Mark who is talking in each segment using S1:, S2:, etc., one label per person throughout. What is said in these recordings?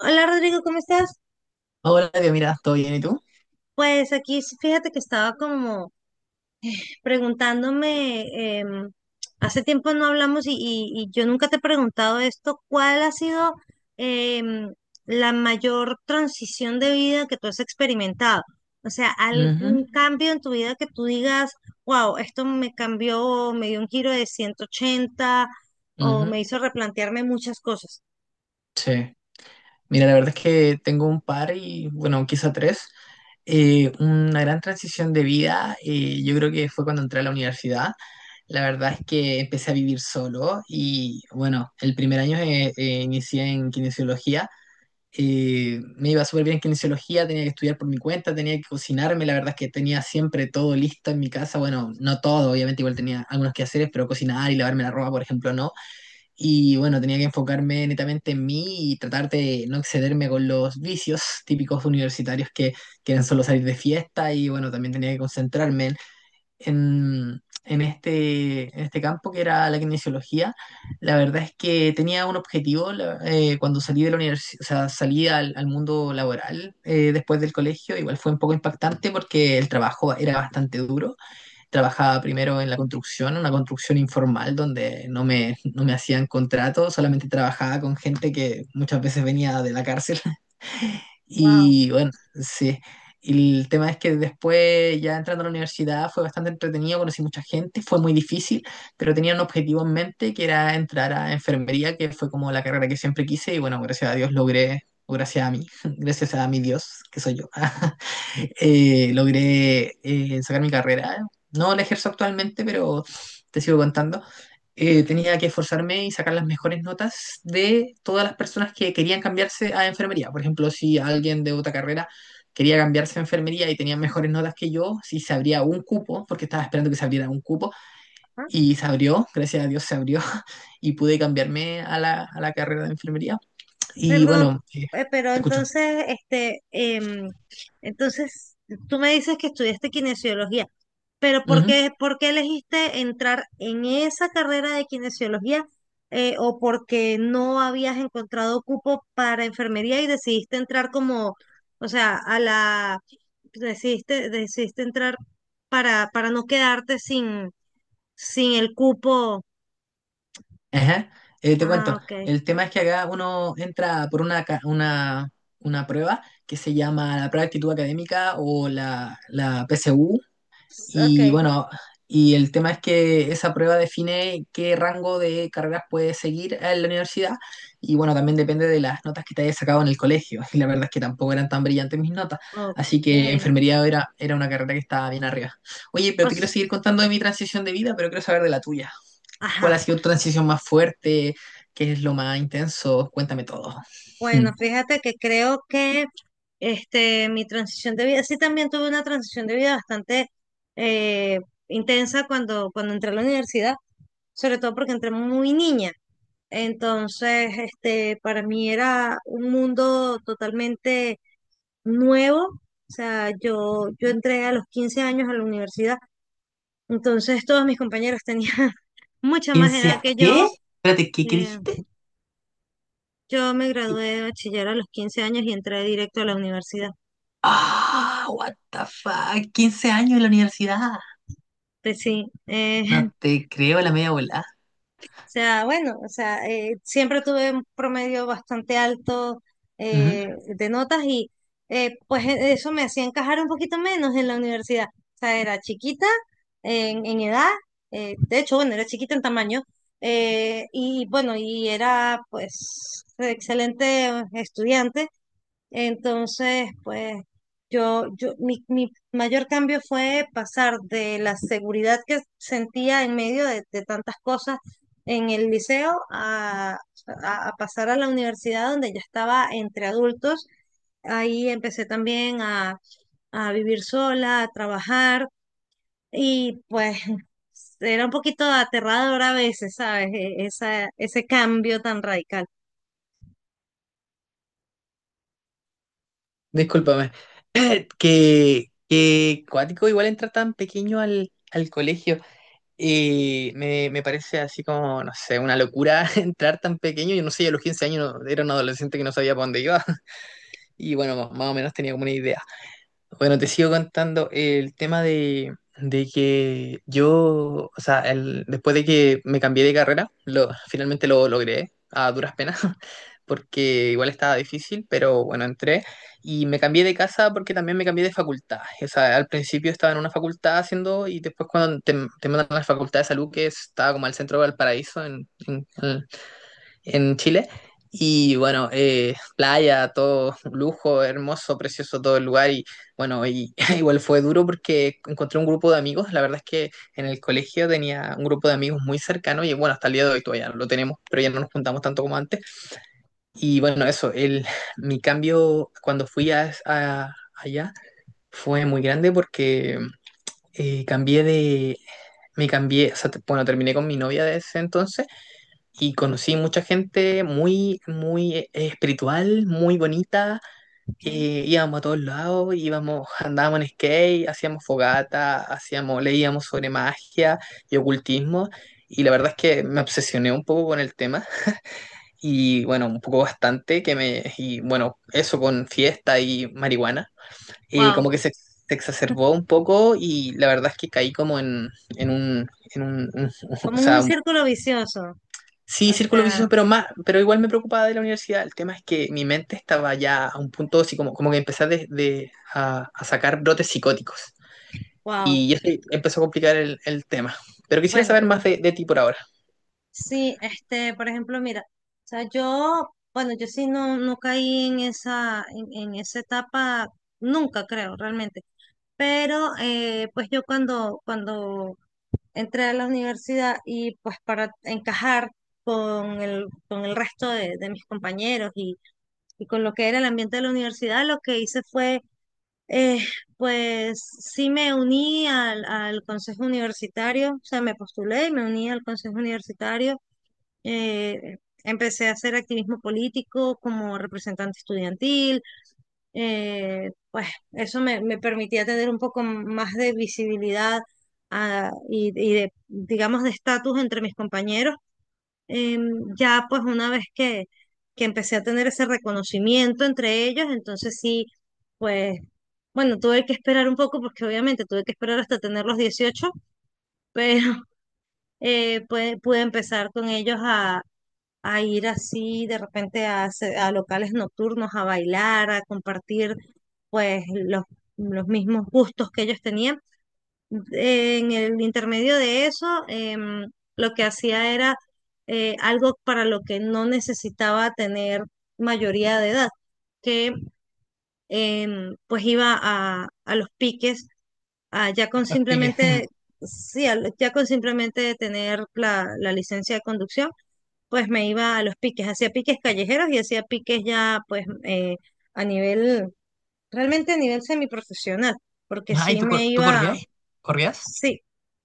S1: Hola Rodrigo, ¿cómo estás?
S2: Hola, Dios, mira, ¿todo bien y tú?
S1: Pues aquí fíjate que estaba como preguntándome, hace tiempo no hablamos y yo nunca te he preguntado esto, ¿cuál ha sido em, la mayor transición de vida que tú has experimentado? O sea,
S2: Ujú,
S1: algún cambio en tu vida que tú digas, wow, esto me cambió, me dio un giro de 180 o
S2: ujú,
S1: me hizo replantearme muchas cosas.
S2: sí. Mira, la verdad es que tengo un par y, bueno, quizá tres. Una gran transición de vida, yo creo que fue cuando entré a la universidad. La verdad es que empecé a vivir solo y, bueno, el primer año inicié en kinesiología. Y me iba súper bien en kinesiología, tenía que estudiar por mi cuenta, tenía que cocinarme. La verdad es que tenía siempre todo listo en mi casa. Bueno, no todo, obviamente, igual tenía algunos quehaceres, pero cocinar y lavarme la ropa, por ejemplo, no. Y bueno, tenía que enfocarme netamente en mí y tratar de no excederme con los vicios típicos universitarios que quieren solo salir de fiesta. Y bueno, también tenía que concentrarme en este campo que era la kinesiología. La verdad es que tenía un objetivo cuando salí de la universidad, o sea, salí al mundo laboral después del colegio, igual fue un poco impactante porque el trabajo era bastante duro. Trabajaba primero en la construcción, una construcción informal donde no me hacían contrato, solamente trabajaba con gente que muchas veces venía de la cárcel
S1: Wow.
S2: y bueno, sí. Y el tema es que después, ya entrando a la universidad, fue bastante entretenido, conocí mucha gente, fue muy difícil, pero tenía un objetivo en mente que era entrar a enfermería, que fue como la carrera que siempre quise, y bueno, gracias a Dios logré, o gracias a mí, gracias a mi Dios, que soy yo, logré sacar mi carrera. No la ejerzo actualmente, pero te sigo contando. Tenía que esforzarme y sacar las mejores notas de todas las personas que querían cambiarse a enfermería. Por ejemplo, si alguien de otra carrera quería cambiarse a enfermería y tenía mejores notas que yo, si se abría un cupo, porque estaba esperando que se abriera un cupo, y se abrió, gracias a Dios se abrió, y pude cambiarme a a la carrera de enfermería. Y
S1: Perdón,
S2: bueno,
S1: pero
S2: te escucho.
S1: entonces, entonces, tú me dices que estudiaste kinesiología, pero ¿por qué elegiste entrar en esa carrera de kinesiología? ¿O porque no habías encontrado cupo para enfermería y decidiste entrar como, o sea, decidiste entrar para no quedarte sin, sin el cupo?
S2: Ajá, te
S1: Ah,
S2: cuento.
S1: ok,
S2: El tema es que acá uno entra por una prueba que se llama la prueba de actitud académica o la PSU.
S1: ok,
S2: Y bueno, y el tema es que esa prueba define qué rango de carreras puedes seguir en la universidad. Y bueno, también depende de las notas que te hayas sacado en el colegio. Y la verdad es que tampoco eran tan brillantes mis notas.
S1: ok.
S2: Así que era una carrera que estaba bien arriba. Oye,
S1: O
S2: pero te quiero
S1: s-
S2: seguir contando de mi transición de vida, pero quiero saber de la tuya. ¿Cuál
S1: Ajá.
S2: ha sido tu transición más fuerte? ¿Qué es lo más intenso? Cuéntame todo.
S1: Bueno,
S2: Hmm.
S1: fíjate que creo que este, mi transición de vida, sí también tuve una transición de vida bastante eh, intensa cuando entré a la universidad, sobre todo porque entré muy niña. Entonces, este, para mí era un mundo totalmente nuevo. O sea, yo entré a los 15 años a la universidad, entonces todos mis compañeros tenían mucha más
S2: ¿Quince
S1: edad
S2: años?
S1: que
S2: ¿Qué?
S1: yo.
S2: Espérate, ¿qué, qué
S1: Eh,
S2: dijiste?
S1: yo me gradué de bachiller a los 15 años y entré directo a la universidad.
S2: Ah, what the fuck. 15 años en la universidad.
S1: Pues sí,
S2: No
S1: o
S2: te creo la media volada.
S1: sea, bueno, o sea, siempre tuve un promedio bastante alto
S2: Ujú.
S1: de notas y pues eso me hacía encajar un poquito menos en la universidad. O sea, era chiquita en edad, de hecho, bueno, era chiquita en tamaño y bueno, y era pues excelente estudiante. Entonces, pues mi mayor cambio fue pasar de la seguridad que sentía en medio de tantas cosas en el liceo a pasar a la universidad donde ya estaba entre adultos. Ahí empecé también a vivir sola, a trabajar y pues era un poquito aterrador a veces, ¿sabes? Esa, ese cambio tan radical.
S2: Discúlpame. Que cuático igual entra tan pequeño al colegio. Y me parece así como, no sé, una locura entrar tan pequeño. Yo no sé, yo a los 15 años era un adolescente que no sabía para dónde iba. Y bueno, más o menos tenía como una idea. Bueno, te sigo contando el tema de que yo, o sea, después de que me cambié de carrera, lo, finalmente lo logré a duras penas, porque igual estaba difícil, pero bueno, entré y me cambié de casa porque también me cambié de facultad. O sea, al principio estaba en una facultad haciendo y después te mandan a la facultad de salud, que estaba como al centro de Valparaíso, en Chile. Y bueno, playa, todo lujo, hermoso, precioso todo el lugar. Y bueno, y, igual fue duro porque encontré un grupo de amigos. La verdad es que en el colegio tenía un grupo de amigos muy cercano y bueno, hasta el día de hoy todavía no lo tenemos, pero ya no nos juntamos tanto como antes. Y bueno, eso, el, mi cambio cuando fui allá fue muy grande porque cambié de... Me cambié, o sea, bueno, terminé con mi novia de ese entonces y conocí mucha gente muy, muy espiritual, muy bonita. Íbamos a todos lados, íbamos, andábamos en skate, hacíamos fogata, hacíamos, leíamos sobre magia y ocultismo. Y la verdad es que me obsesioné un poco con el tema y bueno, un poco bastante y bueno, eso con fiesta y marihuana,
S1: Wow,
S2: como que se exacerbó un poco y la verdad es que caí como en un, en un, un- o
S1: como un
S2: sea,
S1: círculo vicioso. O
S2: sí, círculo
S1: sea,
S2: vicioso, pero más, pero igual me preocupaba de la universidad. El tema es que mi mente estaba ya a un punto así como, como que empecé a sacar brotes psicóticos.
S1: wow,
S2: Y eso empezó a complicar el tema. Pero quisiera
S1: bueno,
S2: saber más de ti por ahora.
S1: sí, este, por ejemplo, mira, o sea, yo, bueno, yo sí no, no caí en esa etapa, nunca creo, realmente. Pero, pues yo cuando entré a la universidad y pues para encajar con el resto de mis compañeros y con lo que era el ambiente de la universidad, lo que hice fue, eh, pues sí me uní al, al consejo universitario, o sea, me postulé y me uní al consejo universitario eh, empecé a hacer activismo político como representante estudiantil, pues eso me, me permitía tener un poco más de visibilidad ah, y de, digamos, de estatus entre mis compañeros. Ya pues una vez que empecé a tener ese reconocimiento entre ellos, entonces sí, pues bueno, tuve que esperar un poco porque obviamente tuve que esperar hasta tener los 18, pero pude empezar con ellos a ir así de repente a, a locales nocturnos, a bailar, a compartir pues los mismos gustos que ellos tenían. En el intermedio de eso, lo que hacía era algo para lo que no necesitaba tener mayoría de edad, que pues iba a los piques, a ya con
S2: No explique.
S1: simplemente, sí, ya con simplemente tener la la licencia de conducción pues me iba a los piques, hacía piques callejeros y hacía piques ya pues a nivel, realmente a nivel semiprofesional, porque
S2: Ay,
S1: sí me
S2: ¿tú
S1: iba,
S2: corrías? ¿Corrías?
S1: sí,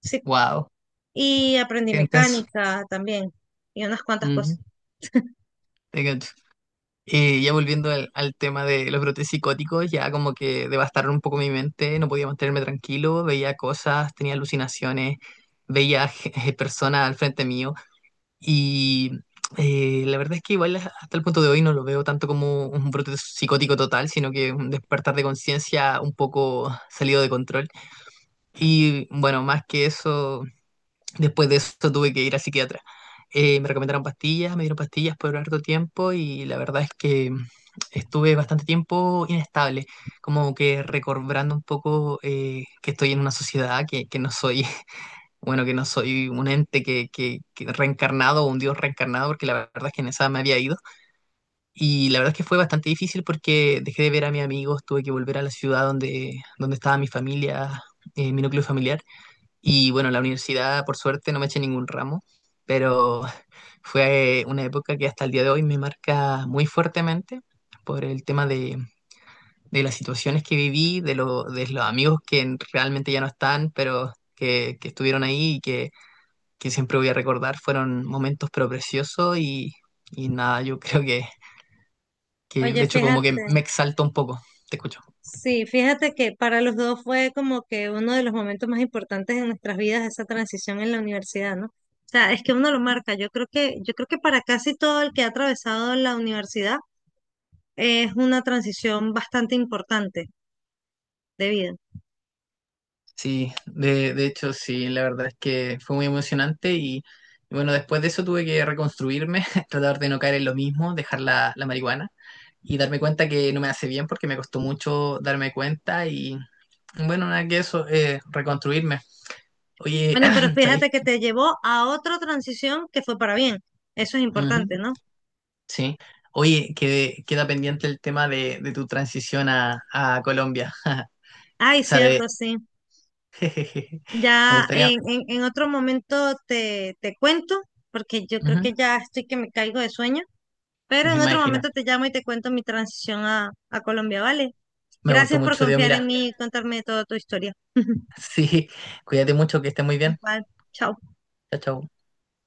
S1: sí,
S2: Wow,
S1: y aprendí
S2: qué intenso.
S1: mecánica también y unas cuantas
S2: Ujú,
S1: cosas.
S2: te cacho. Ya volviendo al tema de los brotes psicóticos, ya como que devastaron un poco mi mente, no podía mantenerme tranquilo, veía cosas, tenía alucinaciones, veía personas al frente mío y la verdad es que igual hasta el punto de hoy no lo veo tanto como un brote psicótico total, sino que un despertar de conciencia un poco salido de control. Y bueno, más que eso... Después de eso tuve que ir a psiquiatra. Me recomendaron pastillas, me dieron pastillas por harto tiempo y la verdad es que estuve bastante tiempo inestable, como que recobrando un poco que estoy en una sociedad, que no soy, bueno, que no soy un ente que reencarnado o un dios reencarnado, porque la verdad es que en esa me había ido. Y la verdad es que fue bastante difícil porque dejé de ver a mis amigos, tuve que volver a la ciudad donde estaba mi familia, mi núcleo familiar y bueno, la universidad, por suerte, no me eché ningún ramo, pero fue una época que hasta el día de hoy me marca muy fuertemente por el tema de las situaciones que viví, de los amigos que realmente ya no están, pero que estuvieron ahí y que siempre voy a recordar. Fueron momentos pero preciosos y nada, yo creo que
S1: Oye,
S2: de hecho como que
S1: fíjate,
S2: me exalta un poco. Te escucho.
S1: sí, fíjate que para los dos fue como que uno de los momentos más importantes en nuestras vidas esa transición en la universidad, ¿no? O sea, es que uno lo marca. Yo creo que para casi todo el que ha atravesado la universidad es una transición bastante importante. De vida.
S2: Sí, de hecho sí, la verdad es que fue muy emocionante y bueno, después de eso tuve que reconstruirme, tratar de no caer en lo mismo, dejar la marihuana y darme cuenta que no me hace bien porque me costó mucho darme cuenta y bueno, nada que eso, reconstruirme. Oye,
S1: Bueno, pero
S2: ¿sabéis?
S1: fíjate que te llevó a otra transición que fue para bien. Eso es
S2: Ujú,
S1: importante, ¿no?
S2: sí. Oye, queda pendiente el tema de tu transición a Colombia.
S1: Ay,
S2: O sea, de...
S1: cierto, sí.
S2: Me
S1: Ya
S2: gustaría...
S1: en otro momento te cuento, porque yo creo que
S2: Ujú,
S1: ya estoy que me caigo de sueño, pero
S2: me
S1: en otro
S2: imagino.
S1: momento te llamo y te cuento mi transición a Colombia, ¿vale?
S2: Me gustó
S1: Gracias por
S2: mucho, Dios,
S1: confiar
S2: mira.
S1: en mí y contarme toda tu historia.
S2: Sí, cuídate mucho, que estés muy bien.
S1: Igual, chao.
S2: Chao, chao.